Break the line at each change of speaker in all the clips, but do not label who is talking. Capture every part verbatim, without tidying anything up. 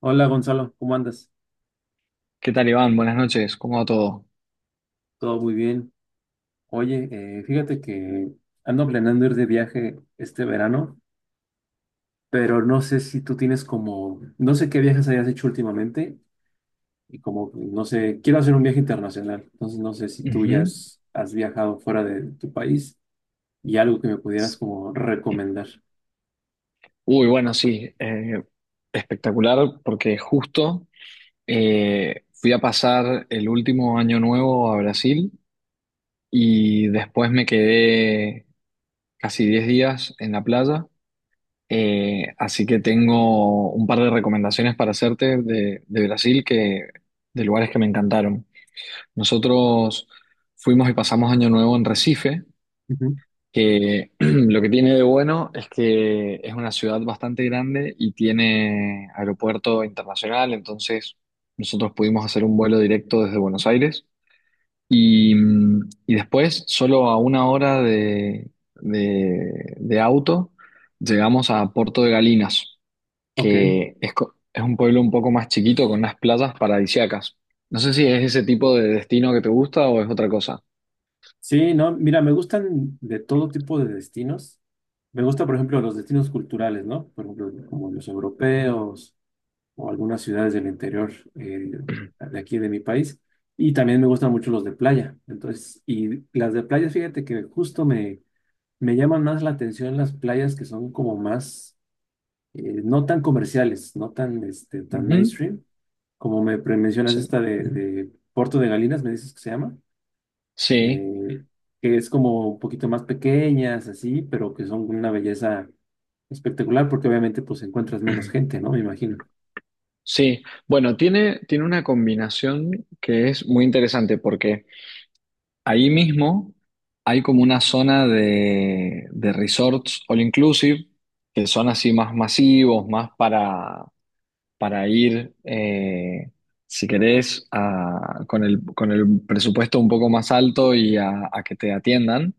Hola, Gonzalo, ¿cómo andas?
¿Qué tal, Iván? Buenas noches, ¿cómo va todo?
Todo muy bien. Oye, eh, fíjate que ando planeando ir de viaje este verano, pero no sé si tú tienes como, no sé qué viajes hayas hecho últimamente y como, no sé, quiero hacer un viaje internacional. Entonces no sé si tú ya
Ujú.
has, has viajado fuera de tu país y algo que me pudieras como recomendar.
Uy, bueno, sí, eh, espectacular porque justo eh, fui a pasar el último año nuevo a Brasil y después me quedé casi diez días en la playa. Eh, así que tengo un par de recomendaciones para hacerte de, de Brasil, que, de lugares que me encantaron. Nosotros fuimos y pasamos año nuevo en Recife,
Ujú.
que lo que tiene de bueno es que es una ciudad bastante grande y tiene aeropuerto internacional. Entonces nosotros pudimos hacer un vuelo directo desde Buenos Aires y, mm, y después, solo a una hora de, de- de auto, llegamos a Puerto de Galinas,
Ok.
que es, co- es un pueblo un poco más chiquito con unas playas paradisíacas. No sé si es ese tipo de destino que te gusta o es otra cosa.
Sí, no, mira, me gustan de todo tipo de destinos. Me gusta, por ejemplo, los destinos culturales, ¿no? Por ejemplo, como los
Ujú.
europeos o algunas ciudades del interior eh, de aquí de mi país. Y también me gustan mucho los de playa. Entonces, y las de playa, fíjate que justo me, me llaman más la atención las playas que son como más, eh, no tan comerciales, no tan, este, tan
Ujú.
mainstream. Como me pre- mencionas
Sí.
esta de, de Puerto de Galinas, me dices que se llama,
Sí,
eh, que es como un poquito más pequeñas, así, pero que son una belleza espectacular porque obviamente pues encuentras menos gente, ¿no? Me imagino.
Sí, bueno, tiene, tiene una combinación que es muy interesante porque ahí mismo hay como una zona de, de resorts all inclusive, que son así más masivos, más para, para ir, eh, si querés, a- con el, con el presupuesto un poco más alto y a, a que te atiendan.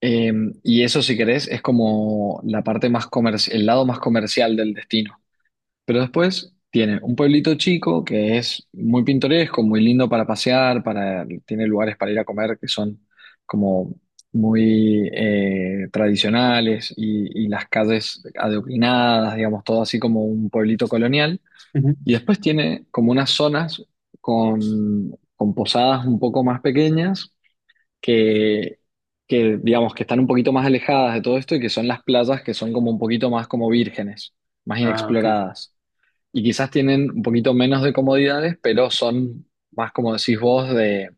Eh, y eso, si querés, es como la parte más comerci- el lado más comercial del destino. Pero después tiene un pueblito chico que es muy pintoresco, muy lindo para pasear, para, tiene lugares para ir a comer que son como muy eh, tradicionales y, y las calles adoquinadas, digamos, todo así como un pueblito colonial.
Ujú.
Y después tiene como unas zonas con, con posadas un poco más pequeñas que, que, digamos, que están un poquito más alejadas de todo esto, y que son las playas que son como un poquito más como vírgenes, más
Ah, ok.
inexploradas, y quizás tienen un poquito menos de comodidades, pero son más, como decís vos, de,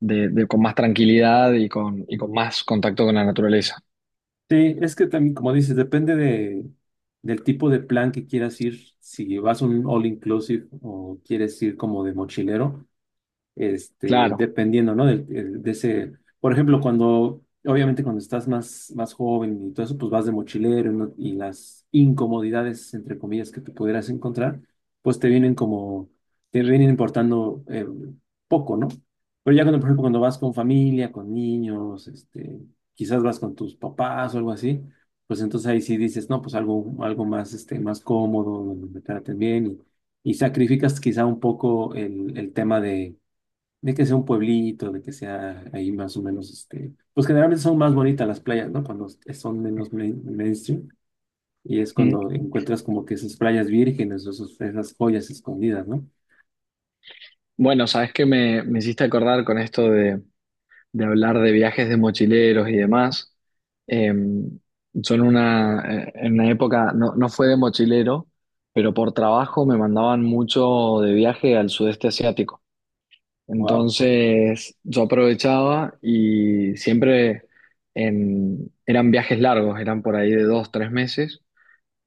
de- de con más tranquilidad y con, y con más contacto con la naturaleza.
Sí, es que también, como dices, depende de, del tipo de plan que quieras ir. Si vas a un all inclusive o quieres ir como de mochilero, este,
Claro.
dependiendo, ¿no? Del- el- de ese, por ejemplo, cuando, obviamente cuando estás más, más joven y todo eso, pues vas de mochilero, ¿no? Y las incomodidades, entre comillas, que te pudieras encontrar, pues te vienen como, te vienen importando eh, poco, ¿no? Pero ya cuando, por ejemplo, cuando vas con familia, con niños, este, quizás vas con tus papás o algo así, pues entonces ahí sí dices, no, pues algo, algo más, este, más cómodo, donde me traten bien y, y sacrificas quizá un poco el, el tema de, de que sea un pueblito, de que sea ahí más o menos, este, pues generalmente son más bonitas las playas, ¿no? Cuando son menos main- mainstream y es
Mm.
cuando encuentras como que esas playas vírgenes o esos- esas joyas escondidas, ¿no?
Bueno, sabes que me, me hiciste acordar con esto de, de hablar de viajes de mochileros y demás. Eh, yo en una, eh, en una época, no, no fue de mochilero, pero por trabajo me mandaban mucho de viaje al sudeste asiático.
Wow.
Entonces yo aprovechaba y siempre en- eran viajes largos, eran por ahí de dos, tres meses,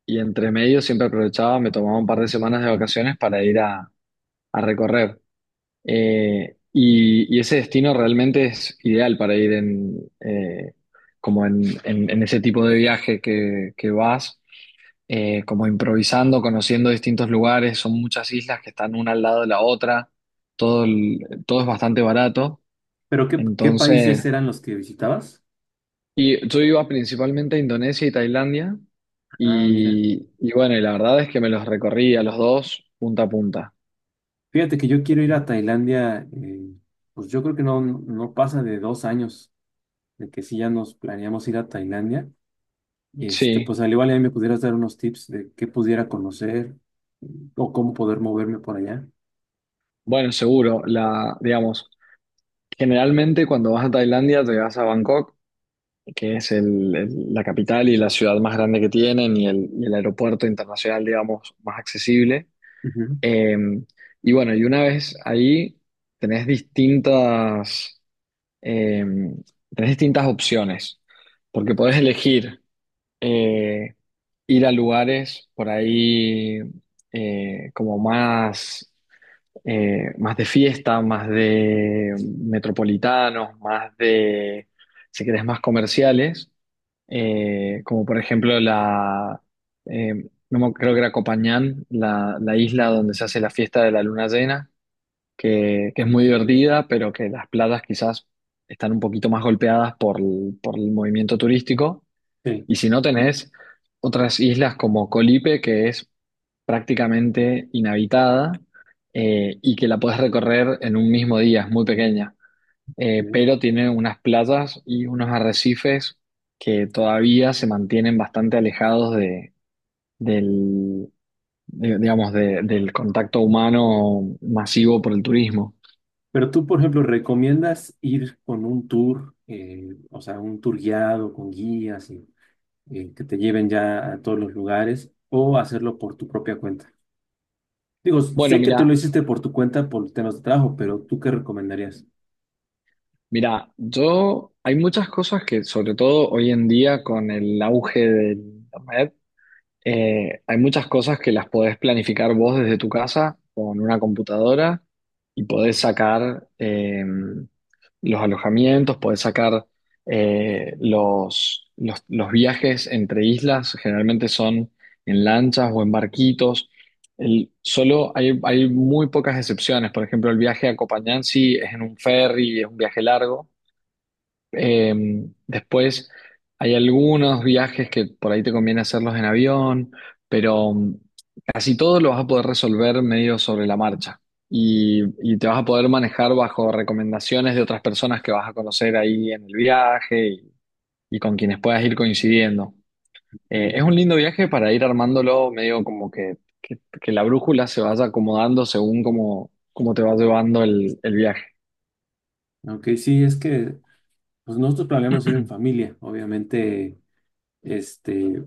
y entre medio siempre aprovechaba, me tomaba un par de semanas de vacaciones para ir a, a recorrer. Eh, y, y ese destino realmente es ideal para ir en, eh, como en, en- en ese tipo de viaje que, que vas, eh, como improvisando, conociendo distintos lugares. Son muchas islas que están una al lado de la otra, todo, el- todo es bastante barato.
Pero ¿qué, qué países
Entonces,
eran los que visitabas?
y yo iba principalmente a Indonesia y Tailandia
Ah, mira.
y, y bueno, y la verdad es que me los recorrí a los dos punta a punta.
Fíjate que yo quiero ir a Tailandia, eh, pues yo creo que no, no pasa de dos años de que sí ya nos planeamos ir a Tailandia. Y este,
Sí,
pues al igual ahí me pudieras dar unos tips de qué pudiera conocer o cómo poder moverme por allá.
bueno, seguro, la, digamos, generalmente cuando vas a Tailandia te vas a Bangkok, que es el- el- la capital y la ciudad más grande que tienen, y el, y el aeropuerto internacional, digamos, más accesible.
Ujú,
Eh, y bueno, y una vez ahí tenés distintas eh, tenés distintas opciones, porque podés elegir eh, ir a lugares por ahí, eh, como más, eh, más de fiesta, más de metropolitanos, más de, si querés, más comerciales. Eh, como por ejemplo, la, eh, no me- creo que era Copañán, la, la isla donde se hace la fiesta de la luna llena, que, que es muy divertida, pero que las playas quizás están un poquito más golpeadas por el, por el movimiento turístico.
sí,
Y si no, tenés otras islas como Colipe, que es prácticamente inhabitada, eh, y que la podés recorrer en un mismo día, es muy pequeña. Eh,
sí.
pero tiene unas playas y unos arrecifes que todavía se mantienen bastante alejados de, del, de- digamos, de- del contacto humano masivo por el turismo.
Pero tú, por ejemplo, ¿recomiendas ir con un tour, eh, o sea, un tour guiado con guías y eh, que te lleven ya a todos los lugares o hacerlo por tu propia cuenta? Digo,
Bueno,
sé que tú lo
mira,
hiciste por tu cuenta por temas de trabajo, pero ¿tú qué recomendarías?
Mira, yo hay muchas cosas que, sobre todo hoy en día con el auge de internet, eh, hay muchas cosas que las podés planificar vos desde tu casa con una computadora, y podés sacar eh, los alojamientos, podés sacar eh, los, los, los viajes entre islas, generalmente son en lanchas o en barquitos. El- solo hay, hay muy pocas excepciones. Por ejemplo, el viaje a Copanhansi es en un ferry, es un viaje largo. eh, Después hay algunos viajes que por ahí te conviene hacerlos en avión, pero mm, casi todo lo vas a poder resolver medio sobre la marcha, y, y te vas a poder manejar bajo recomendaciones de otras personas que vas a conocer ahí en el viaje, y, y con quienes puedas ir coincidiendo. Eh, es
Ok,
un lindo viaje para ir armándolo medio como que, que- que la brújula se vaya acomodando según cómo, cómo te va llevando el, el viaje.
ok, sí, es que pues nosotros planeamos ir en familia, obviamente, este,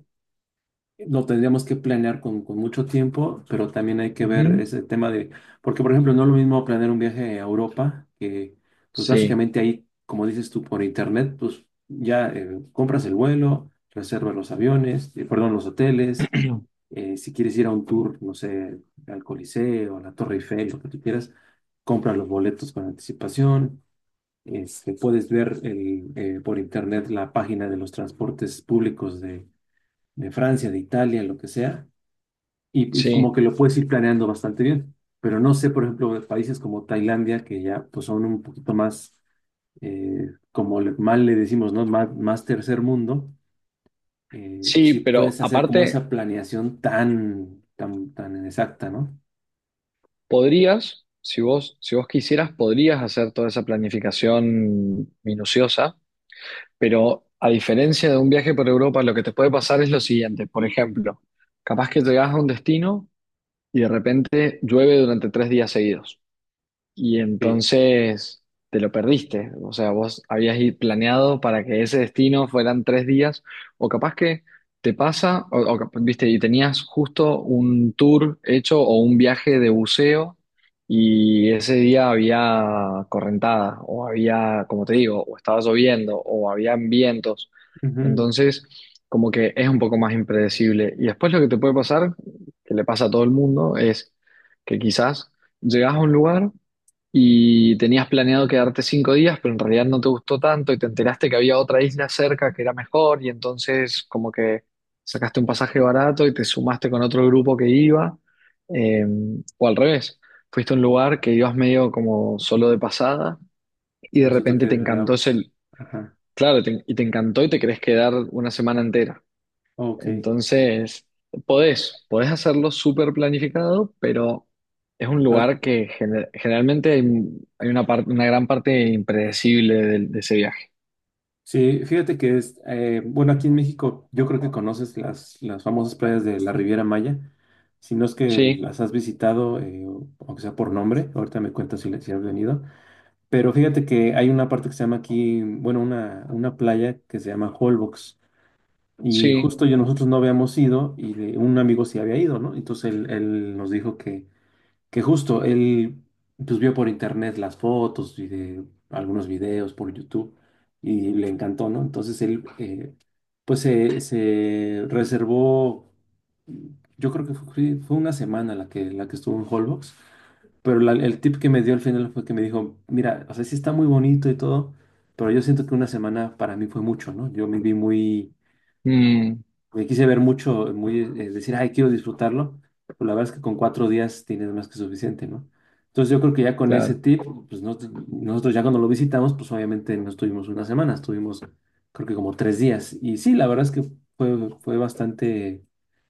lo tendríamos que planear con, con mucho tiempo, pero también hay que ver
Ujú,
ese tema de, porque por ejemplo, no es lo mismo planear un viaje a Europa, que pues
sí.
básicamente ahí, como dices tú, por internet, pues ya eh, compras el vuelo, reservas los aviones, eh, perdón, los hoteles, eh, si quieres ir a un tour, no sé, al Coliseo, a la Torre Eiffel, lo que tú quieras, compras los boletos con anticipación, este, puedes ver el, eh, por internet la página de los transportes públicos de de Francia, de Italia, lo que sea y, y como
Sí,
que lo puedes ir planeando bastante bien. Pero no sé, por ejemplo, de países como Tailandia, que ya pues, son un poquito más, eh, como le- mal le decimos, ¿no? Más, más tercer mundo, eh, si
sí, pero
puedes hacer como
aparte,
esa planeación tan, tan, tan exacta, ¿no?
podrías, si vos, si vos quisieras, podrías hacer toda esa planificación minuciosa, pero a diferencia de un viaje por Europa, lo que te puede pasar es lo siguiente. Por ejemplo, capaz que llegás a un destino, y de repente llueve durante tres días seguidos. Y
Que
entonces te lo perdiste. O sea, vos habías i- planeado para que ese destino fueran tres días, o capaz que te pasa, o, o cap- viste, y tenías justo un tour hecho o un viaje de buceo, y ese día había correntada, o había, como te digo, o estaba lloviendo, o habían vientos.
ujú,
Entonces, como que es un poco más impredecible. Y después lo que te puede pasar, que le pasa a todo el mundo, es que quizás llegas a un lugar y tenías planeado quedarte cinco días, pero en realidad no te gustó tanto y te enteraste que había otra isla cerca que era mejor, y entonces como que sacaste un pasaje barato y te sumaste con otro grupo que iba, eh, o al revés, fuiste a un lugar que ibas medio como solo de pasada y de
resulta
repente
que...
te encantó ese,
Ajá,
claro, te- y te encantó y te querés quedar una semana entera.
ok.
Entonces, podés, podés hacerlo súper planificado, pero es un lugar que gener- generalmente hay, hay una parte, una gran parte impredecible del- de, ese viaje.
Sí, fíjate que es, eh, bueno, aquí en México yo creo que conoces las, las famosas playas de la Riviera Maya, si no es que
Sí,
las has visitado, eh, o- aunque sea por nombre, ahorita me cuentas si, le- si has venido, pero fíjate que hay una parte que se llama aquí, bueno, una, una playa que se llama Holbox, y
sí,
justo yo nosotros no habíamos ido y de- un amigo sí había ido, ¿no? Entonces él, él nos dijo que justo él pues vio por internet las fotos y de algunos videos por YouTube y le encantó, ¿no? Entonces él eh, pues se, se reservó, yo creo que fue, sí, fue una semana la que, la que estuvo en Holbox, pero la- el tip que me dio al final fue que me dijo, mira, o sea, sí está muy bonito y todo, pero yo siento que una semana para mí fue mucho, ¿no? Yo me vi muy
mm,
me quise ver mucho, muy, eh, decir, ay, quiero disfrutarlo, pues la verdad es que con cuatro días tienes más que suficiente, ¿no? Entonces yo creo que ya con ese
claro.
tip, pues nos- nosotros ya cuando lo visitamos, pues obviamente no estuvimos una semana, estuvimos creo que como tres días. Y sí, la verdad es que fue, fue bastante,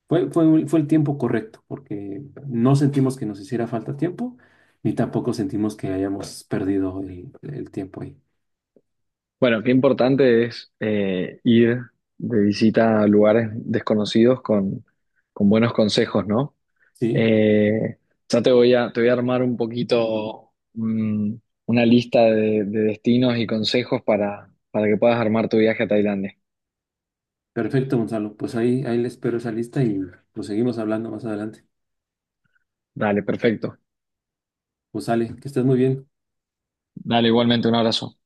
fue, fue, fue el tiempo correcto, porque no sentimos que nos hiciera falta tiempo, ni tampoco sentimos que hayamos perdido el, el tiempo ahí.
Bueno, qué importante es, eh, ir de visita a lugares desconocidos con, con buenos consejos, ¿no?
Sí,
Eh, ya te voy a, te voy a armar un poquito, mm, una lista de, de destinos y consejos para, para que puedas armar tu viaje a Tailandia.
perfecto, Gonzalo. Pues ahí, ahí les espero esa lista y pues seguimos hablando más adelante.
Dale, perfecto.
Pues sale, que estés muy bien.
Dale, igualmente un abrazo.